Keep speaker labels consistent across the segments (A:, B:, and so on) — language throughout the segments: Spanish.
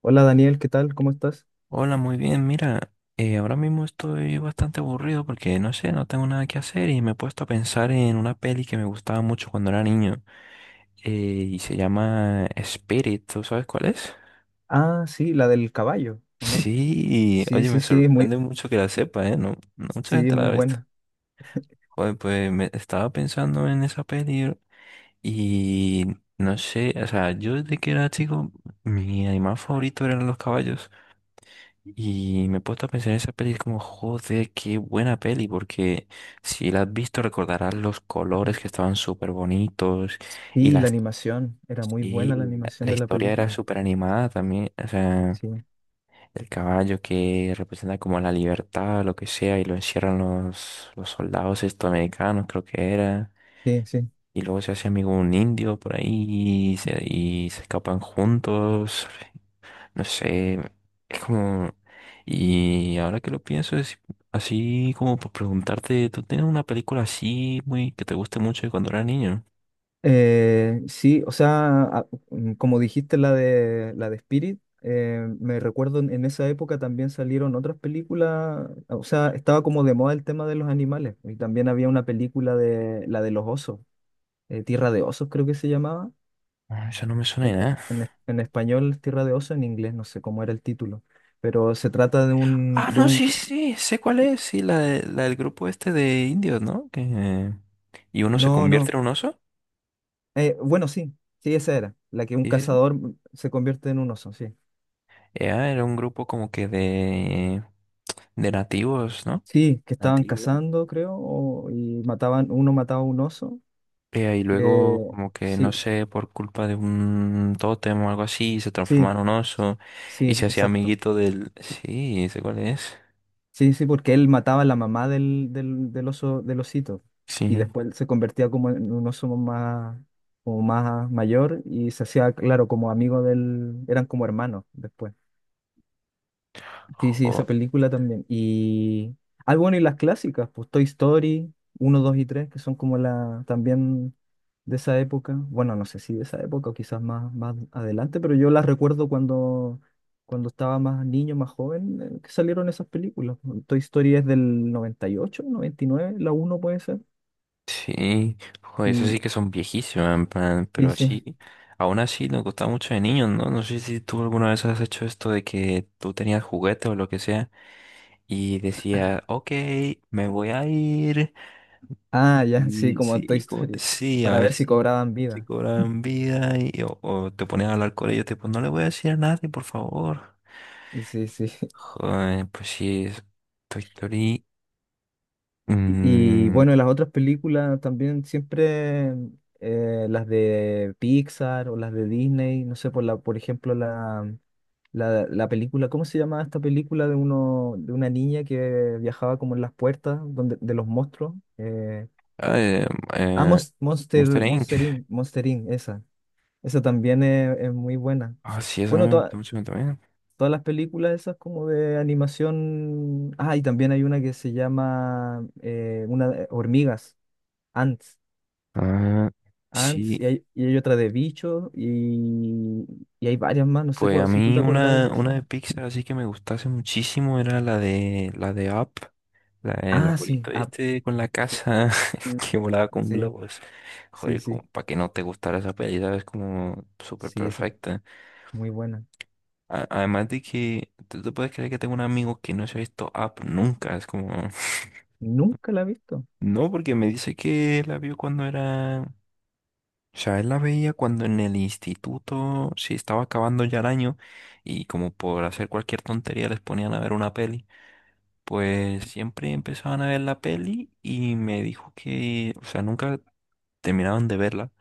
A: Hola Daniel, ¿qué tal? ¿Cómo estás?
B: Hola, muy bien. Mira, ahora mismo estoy bastante aburrido porque no sé, no tengo nada que hacer y me he puesto a pensar en una peli que me gustaba mucho cuando era niño y se llama Spirit. ¿Tú sabes cuál es?
A: Ah, sí, la del caballo, ¿o no?
B: Sí, y,
A: Sí,
B: oye,
A: sí,
B: me
A: sí, muy,
B: sorprende mucho que la sepa, ¿eh? No, no mucha
A: sí,
B: gente la
A: muy
B: ve esta.
A: buena.
B: Joder, pues me estaba pensando en esa peli y no sé, o sea, yo desde que era chico, mi animal favorito eran los caballos. Y me he puesto a pensar en esa peli como, joder, qué buena peli, porque si la has visto recordarás los colores que estaban súper bonitos y
A: Y la
B: las
A: animación, era muy
B: y
A: buena la
B: la
A: animación
B: la
A: de la
B: historia era
A: película.
B: súper animada también, o sea,
A: Sí,
B: el caballo que representa como la libertad, lo que sea, y lo encierran los soldados estadounidenses, creo que era,
A: sí, sí.
B: y luego se hace amigo un indio por ahí y y se escapan juntos, no sé, es como... Y ahora que lo pienso, es así como por preguntarte, ¿tú tienes una película así muy que te guste mucho de cuando eras niño?
A: Sí, o sea, como dijiste la de Spirit, me recuerdo en esa época también salieron otras películas, o sea, estaba como de moda el tema de los animales y también había una película de la de los osos, Tierra de Osos creo que se llamaba.
B: Ah, eso no me suena
A: En,
B: de nada.
A: en español, Tierra de Oso, en inglés, no sé cómo era el título, pero se trata de
B: Ah,
A: un, de
B: no,
A: un,
B: sí,
A: c-
B: sí, sé cuál es. Sí, la del grupo este de indios, ¿no? Que... Y uno se
A: no,
B: convierte
A: no,
B: en un oso.
A: bueno, sí, sí, esa era, la que un
B: Sí, sí, sí.
A: cazador se convierte en un oso, sí.
B: Era un grupo como que de nativos, ¿no?
A: Sí, que estaban
B: Nativos.
A: cazando, creo, y mataban, uno mataba a un oso,
B: Y
A: que,
B: luego, como que
A: sí,
B: no sé, por culpa de un tótem o algo así, se
A: sí,
B: transformaron en un oso y
A: sí,
B: se hacía
A: exacto.
B: amiguito del. Sí, ¿sé cuál es?
A: Sí, sí, porque él mataba a la mamá del oso, del osito. Y
B: Sí.
A: después se convertía como en un oso más, como más mayor y se hacía, claro, como amigo del, eran como hermanos después. Sí, sí, esa
B: Jo,
A: película también. Y. Ah, bueno, y las clásicas, pues Toy Story uno 2 y 3 que son como la también de esa época. Bueno, no sé si de esa época o quizás más, más adelante, pero yo las recuerdo cuando, cuando estaba más niño, más joven, que salieron esas películas. Toy Story es del 90 98 99 la uno puede ser.
B: sí. Jo, esas
A: Y
B: sí que son viejísimas, en plan, pero
A: sí, sí.
B: así. Aún así, nos gustaba mucho de niños, ¿no? No sé si tú alguna vez has hecho esto de que tú tenías juguete o lo que sea y decía, ok, me voy a ir.
A: Ah, ya, sí,
B: Y
A: como Toy
B: sí, co-
A: Story,
B: sí, a
A: para
B: ver
A: ver si
B: si,
A: cobraban
B: si
A: vida.
B: cobran vida y, o te pones a hablar con ellos, tipo, no le voy a decir a nadie, por favor.
A: Sí, sí.
B: Joder, pues sí, es Toy Story.
A: Y, y,
B: mm,
A: bueno, las otras películas también siempre, las de Pixar o las de Disney, no sé, por ejemplo, la película, ¿cómo se llama esta película de una niña que viajaba como en las puertas donde, de los monstruos?
B: ah, eh, eh, Monster
A: Monster,
B: Inc.
A: Monster Inc, esa. Esa también es muy buena.
B: Ah, sí, eso
A: Bueno,
B: me gustó mucho también.
A: todas las películas esas como de animación. Ah, y también hay una que se llama una, Hormigas. Ants.
B: Ah,
A: Ants
B: sí,
A: y hay, otra de bicho y hay varias más, no sé
B: pues a
A: si tú
B: mí
A: te acordáis
B: una,
A: de esa.
B: una de Pixar así que me gustase muchísimo era la de Up. El
A: Ah, sí,
B: abuelito
A: ah,
B: este con la
A: sí,
B: casa
A: mm,
B: que volaba con
A: sí,
B: globos.
A: sí,
B: Joder,
A: sí,
B: como para que no te gustara esa peli, ¿sabes? Como súper
A: sí, esa es
B: perfecta.
A: muy buena.
B: Además de que tú te puedes creer que tengo un amigo que no se ha visto Up nunca. Es como...
A: Nunca la he visto.
B: No, porque me dice que la vio cuando era... O sea, él la veía cuando en el instituto se estaba acabando ya el año y como por hacer cualquier tontería les ponían a ver una peli. Pues siempre empezaban a ver la peli y me dijo que, o sea, nunca terminaban de verla.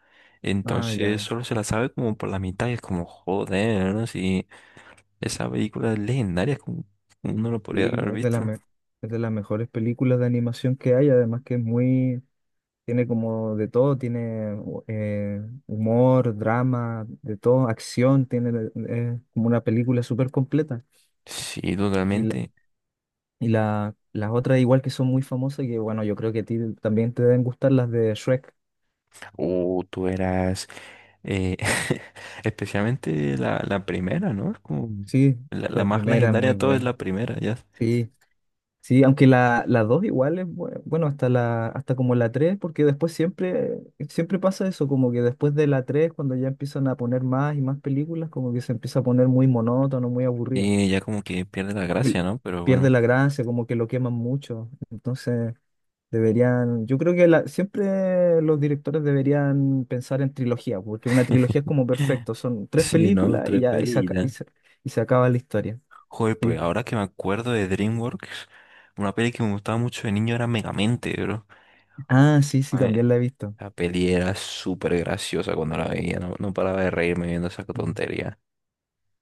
A: Ah,
B: Entonces
A: ya.
B: solo se la sabe como por la mitad y es como, joder, ¿no? Si esa película es legendaria, como uno lo podría
A: Sí,
B: haber visto.
A: es de las mejores películas de animación que hay, además que es muy, tiene como de todo, tiene humor, drama, de todo, acción, tiene como una película súper completa.
B: Sí,
A: y
B: totalmente.
A: las otras igual que son muy famosas, que bueno, yo creo que a ti también te deben gustar las de Shrek.
B: O tú eras, eh, especialmente la primera, ¿no? Es como
A: Sí,
B: la
A: la
B: más
A: primera es
B: legendaria
A: muy
B: de todas es
A: buena.
B: la primera, ya.
A: Sí, sí, aunque la dos igual es bueno, hasta hasta como la tres, porque después siempre, siempre pasa eso, como que después de la tres, cuando ya empiezan a poner más y más películas, como que se empieza a poner muy monótono, muy aburrido.
B: Y ya como que pierde la
A: El-
B: gracia, ¿no? Pero
A: Pierde
B: bueno.
A: la gracia, como que lo queman mucho. Entonces. Deberían, yo creo siempre los directores deberían pensar en trilogía, porque una trilogía es como perfecto, son tres
B: Sí, ¿no?
A: películas y
B: Tres
A: ya y se,
B: pelis.
A: aca- y se- y se acaba la historia.
B: Joder,
A: Sí.
B: pues ahora que me acuerdo de DreamWorks, una peli que me gustaba mucho de niño era Megamente, bro.
A: Ah, sí, sí,
B: Joder,
A: también la he visto.
B: la peli era súper graciosa cuando la veía, no, no paraba de reírme viendo esa
A: Mm.
B: tontería.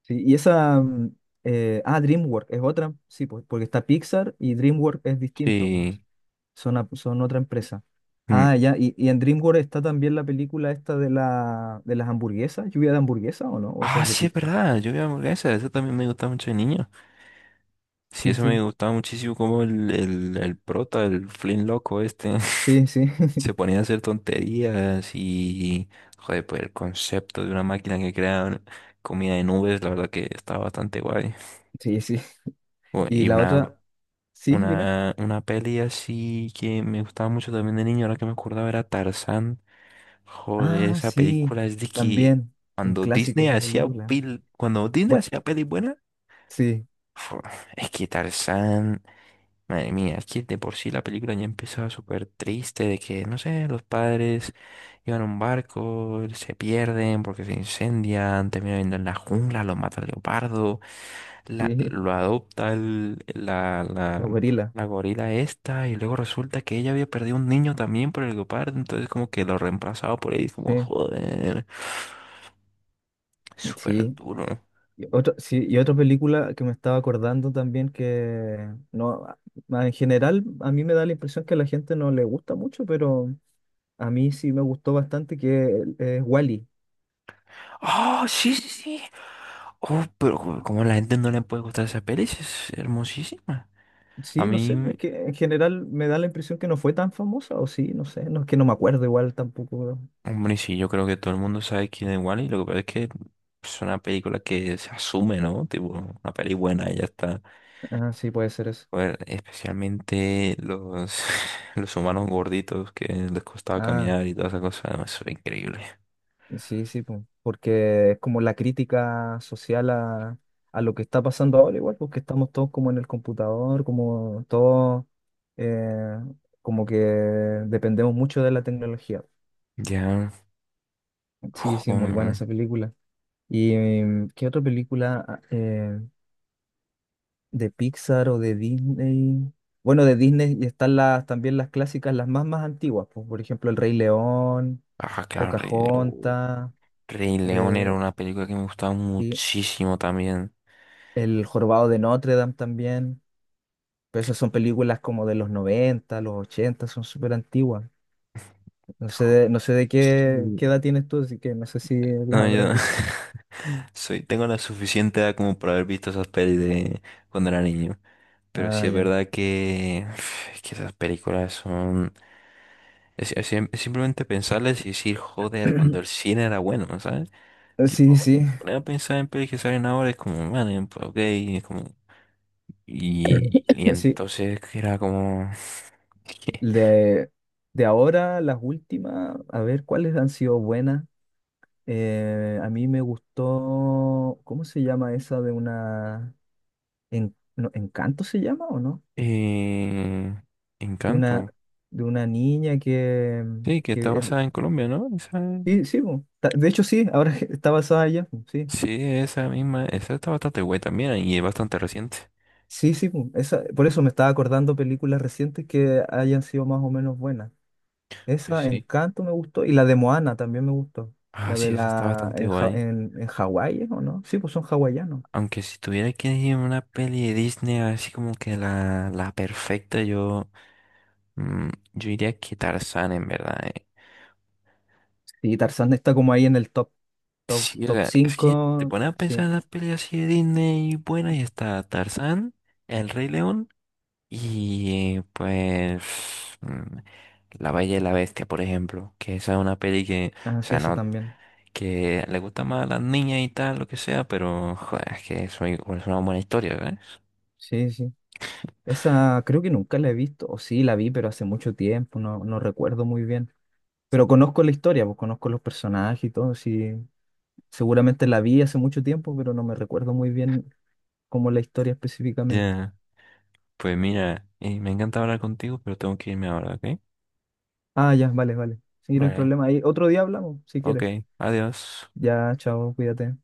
A: Sí, y esa, DreamWorks es otra, sí, pues, porque está Pixar y DreamWorks es distinto,
B: Sí.
A: pues, son otra empresa.
B: Mm.
A: Ah, ya, y en DreamWorks está también la película esta de las hamburguesas, lluvia de hamburguesas o no, o esa
B: Ah,
A: es de
B: sí, es
A: Pixar.
B: verdad, yo vi hamburguesa, eso también me gustaba mucho de niño. Sí,
A: Sí,
B: eso
A: sí,
B: me gustaba muchísimo como el prota, el Flynn loco este,
A: sí, sí.
B: se ponía a hacer tonterías y, joder, pues el concepto de una máquina que crea comida de nubes, la verdad que estaba bastante guay.
A: Sí, sí.
B: O-
A: Y
B: Y
A: la otra,
B: una,
A: sí, dime.
B: una, una peli así que me gustaba mucho también de niño, ahora que me acordaba era Tarzán. Joder,
A: Ah,
B: esa
A: sí,
B: película es de que
A: también, un
B: cuando
A: clásico
B: Disney
A: esa
B: hacía
A: película. Bueno,
B: peli buena,
A: sí,
B: jo, es que Tarzán, madre mía, es que de por sí la película ya empezaba súper triste de que, no sé, los padres iban a un barco, se pierden porque se incendian, terminan viendo en la jungla, los mata el leopardo, la-
A: sí,
B: lo adopta el- la, la,
A: Los Gorilas,
B: la gorila esta y luego resulta que ella había perdido un niño también por el guepardo, entonces como que lo reemplazaba por él, como
A: sí,
B: joder, súper
A: sí.
B: duro.
A: Y otra, sí, y otra película que me estaba acordando también que no, en general a mí me da la impresión que a la gente no le gusta mucho, pero a mí sí me gustó bastante que es Wally.
B: ¡Ah, sí, sí, sí! Oh, pero como a la gente no le puede gustar esa peli, sí es hermosísima. A
A: Sí, no sé,
B: mí,
A: es que en general me da la impresión que no fue tan famosa, o sí, no sé, no es que no me acuerdo igual tampoco.
B: hombre, sí, yo creo que todo el mundo sabe quién es Wally, lo que pasa es que es una película que se asume, ¿no? Tipo, una peli buena y ya está.
A: Ah, sí, puede ser eso.
B: Bueno, especialmente los, los humanos gorditos que les costaba
A: Ah.
B: caminar y toda esa cosa, no, eso era increíble.
A: Sí, sí, po, porque es como la crítica social a lo que está pasando ahora, igual, porque estamos todos como en el computador, como todos, eh, como que dependemos mucho de la tecnología.
B: Ya,
A: Sí, sí, muy buena
B: joder.
A: esa película. ¿Y qué otra película de Pixar o de Disney? Bueno, de Disney están las, también las clásicas, las más, más antiguas, po, por ejemplo, El Rey León,
B: Ah, claro, Rey León.
A: Pocahontas.
B: Rey León era
A: Eh,
B: una película que me gustaba
A: sí.
B: muchísimo también.
A: El Jorobado de Notre Dame también. Pero esas son películas como de los 90 los 80 son súper antiguas. No sé de, no sé de qué,
B: Sí.
A: qué edad tienes tú, así que no sé si las
B: No,
A: habrás
B: yo
A: visto.
B: soy, tengo la suficiente edad como para haber visto esas pelis de cuando era niño. Pero
A: Ah,
B: sí es
A: ya.
B: verdad que, que esas películas son... es simplemente pensarles y decir, joder, cuando el cine era bueno, ¿sabes?
A: Sí,
B: Tipo,
A: sí,
B: te pones a pensar en pelis que salen ahora, es como, man, pues ok, es como... Y
A: sí.
B: entonces era como... ¿qué?
A: De, de ahora, las últimas, a ver cuáles han sido buenas. A mí me gustó, ¿cómo se llama esa de una... no, ¿Encanto se llama o no?
B: Eh,
A: De una,
B: Encanto.
A: de una niña que,
B: Sí, que
A: que
B: está
A: es,
B: basada en Colombia, ¿no? Esa-
A: sí, sí, po. De hecho, sí, ahora que está basada allá, po, sí.
B: sí, esa misma, esa está bastante guay también y es bastante reciente.
A: Sí, sí, po. Esa, por eso me estaba acordando películas recientes que hayan sido más o menos buenas.
B: Pues
A: Esa,
B: sí.
A: Encanto, me gustó, y la de Moana también me gustó.
B: Ah,
A: La de
B: sí, esa está
A: la
B: bastante
A: en, Ja-
B: guay.
A: en Hawái, ¿es ¿o no? Sí, pues son hawaianos.
B: Aunque si tuviera que elegir una peli de Disney, así como que la perfecta, mm, yo diría que Tarzán, en verdad.
A: Sí, Tarzán está como ahí en el
B: Sí, o
A: top
B: sea, es que te
A: 5,
B: pones a pensar
A: sí,
B: en las peleas así de Disney buenas y está Tarzán, El Rey León y La Bella y la Bestia, por ejemplo, que esa es una peli que,
A: ah,
B: o
A: sí,
B: sea,
A: esa
B: no,
A: también.
B: que le gusta más a las niñas y tal, lo que sea, pero joder, es que eso es una buena historia, ¿ves?
A: Sí, sí. Esa creo que nunca la he visto, o sí, la vi, pero hace mucho tiempo, no, no recuerdo muy bien. Pero conozco la historia, pues conozco los personajes y todo, sí, seguramente la vi hace mucho tiempo, pero no me recuerdo muy bien cómo la historia específicamente.
B: Ya, pues mira, me encanta hablar contigo, pero tengo que irme ahora, ¿ok?
A: Ah, ya, vale, vale. Sí, no hay
B: Vale,
A: problema. Ahí otro día hablamos, si
B: ok,
A: quieres.
B: adiós.
A: Ya, chao, cuídate.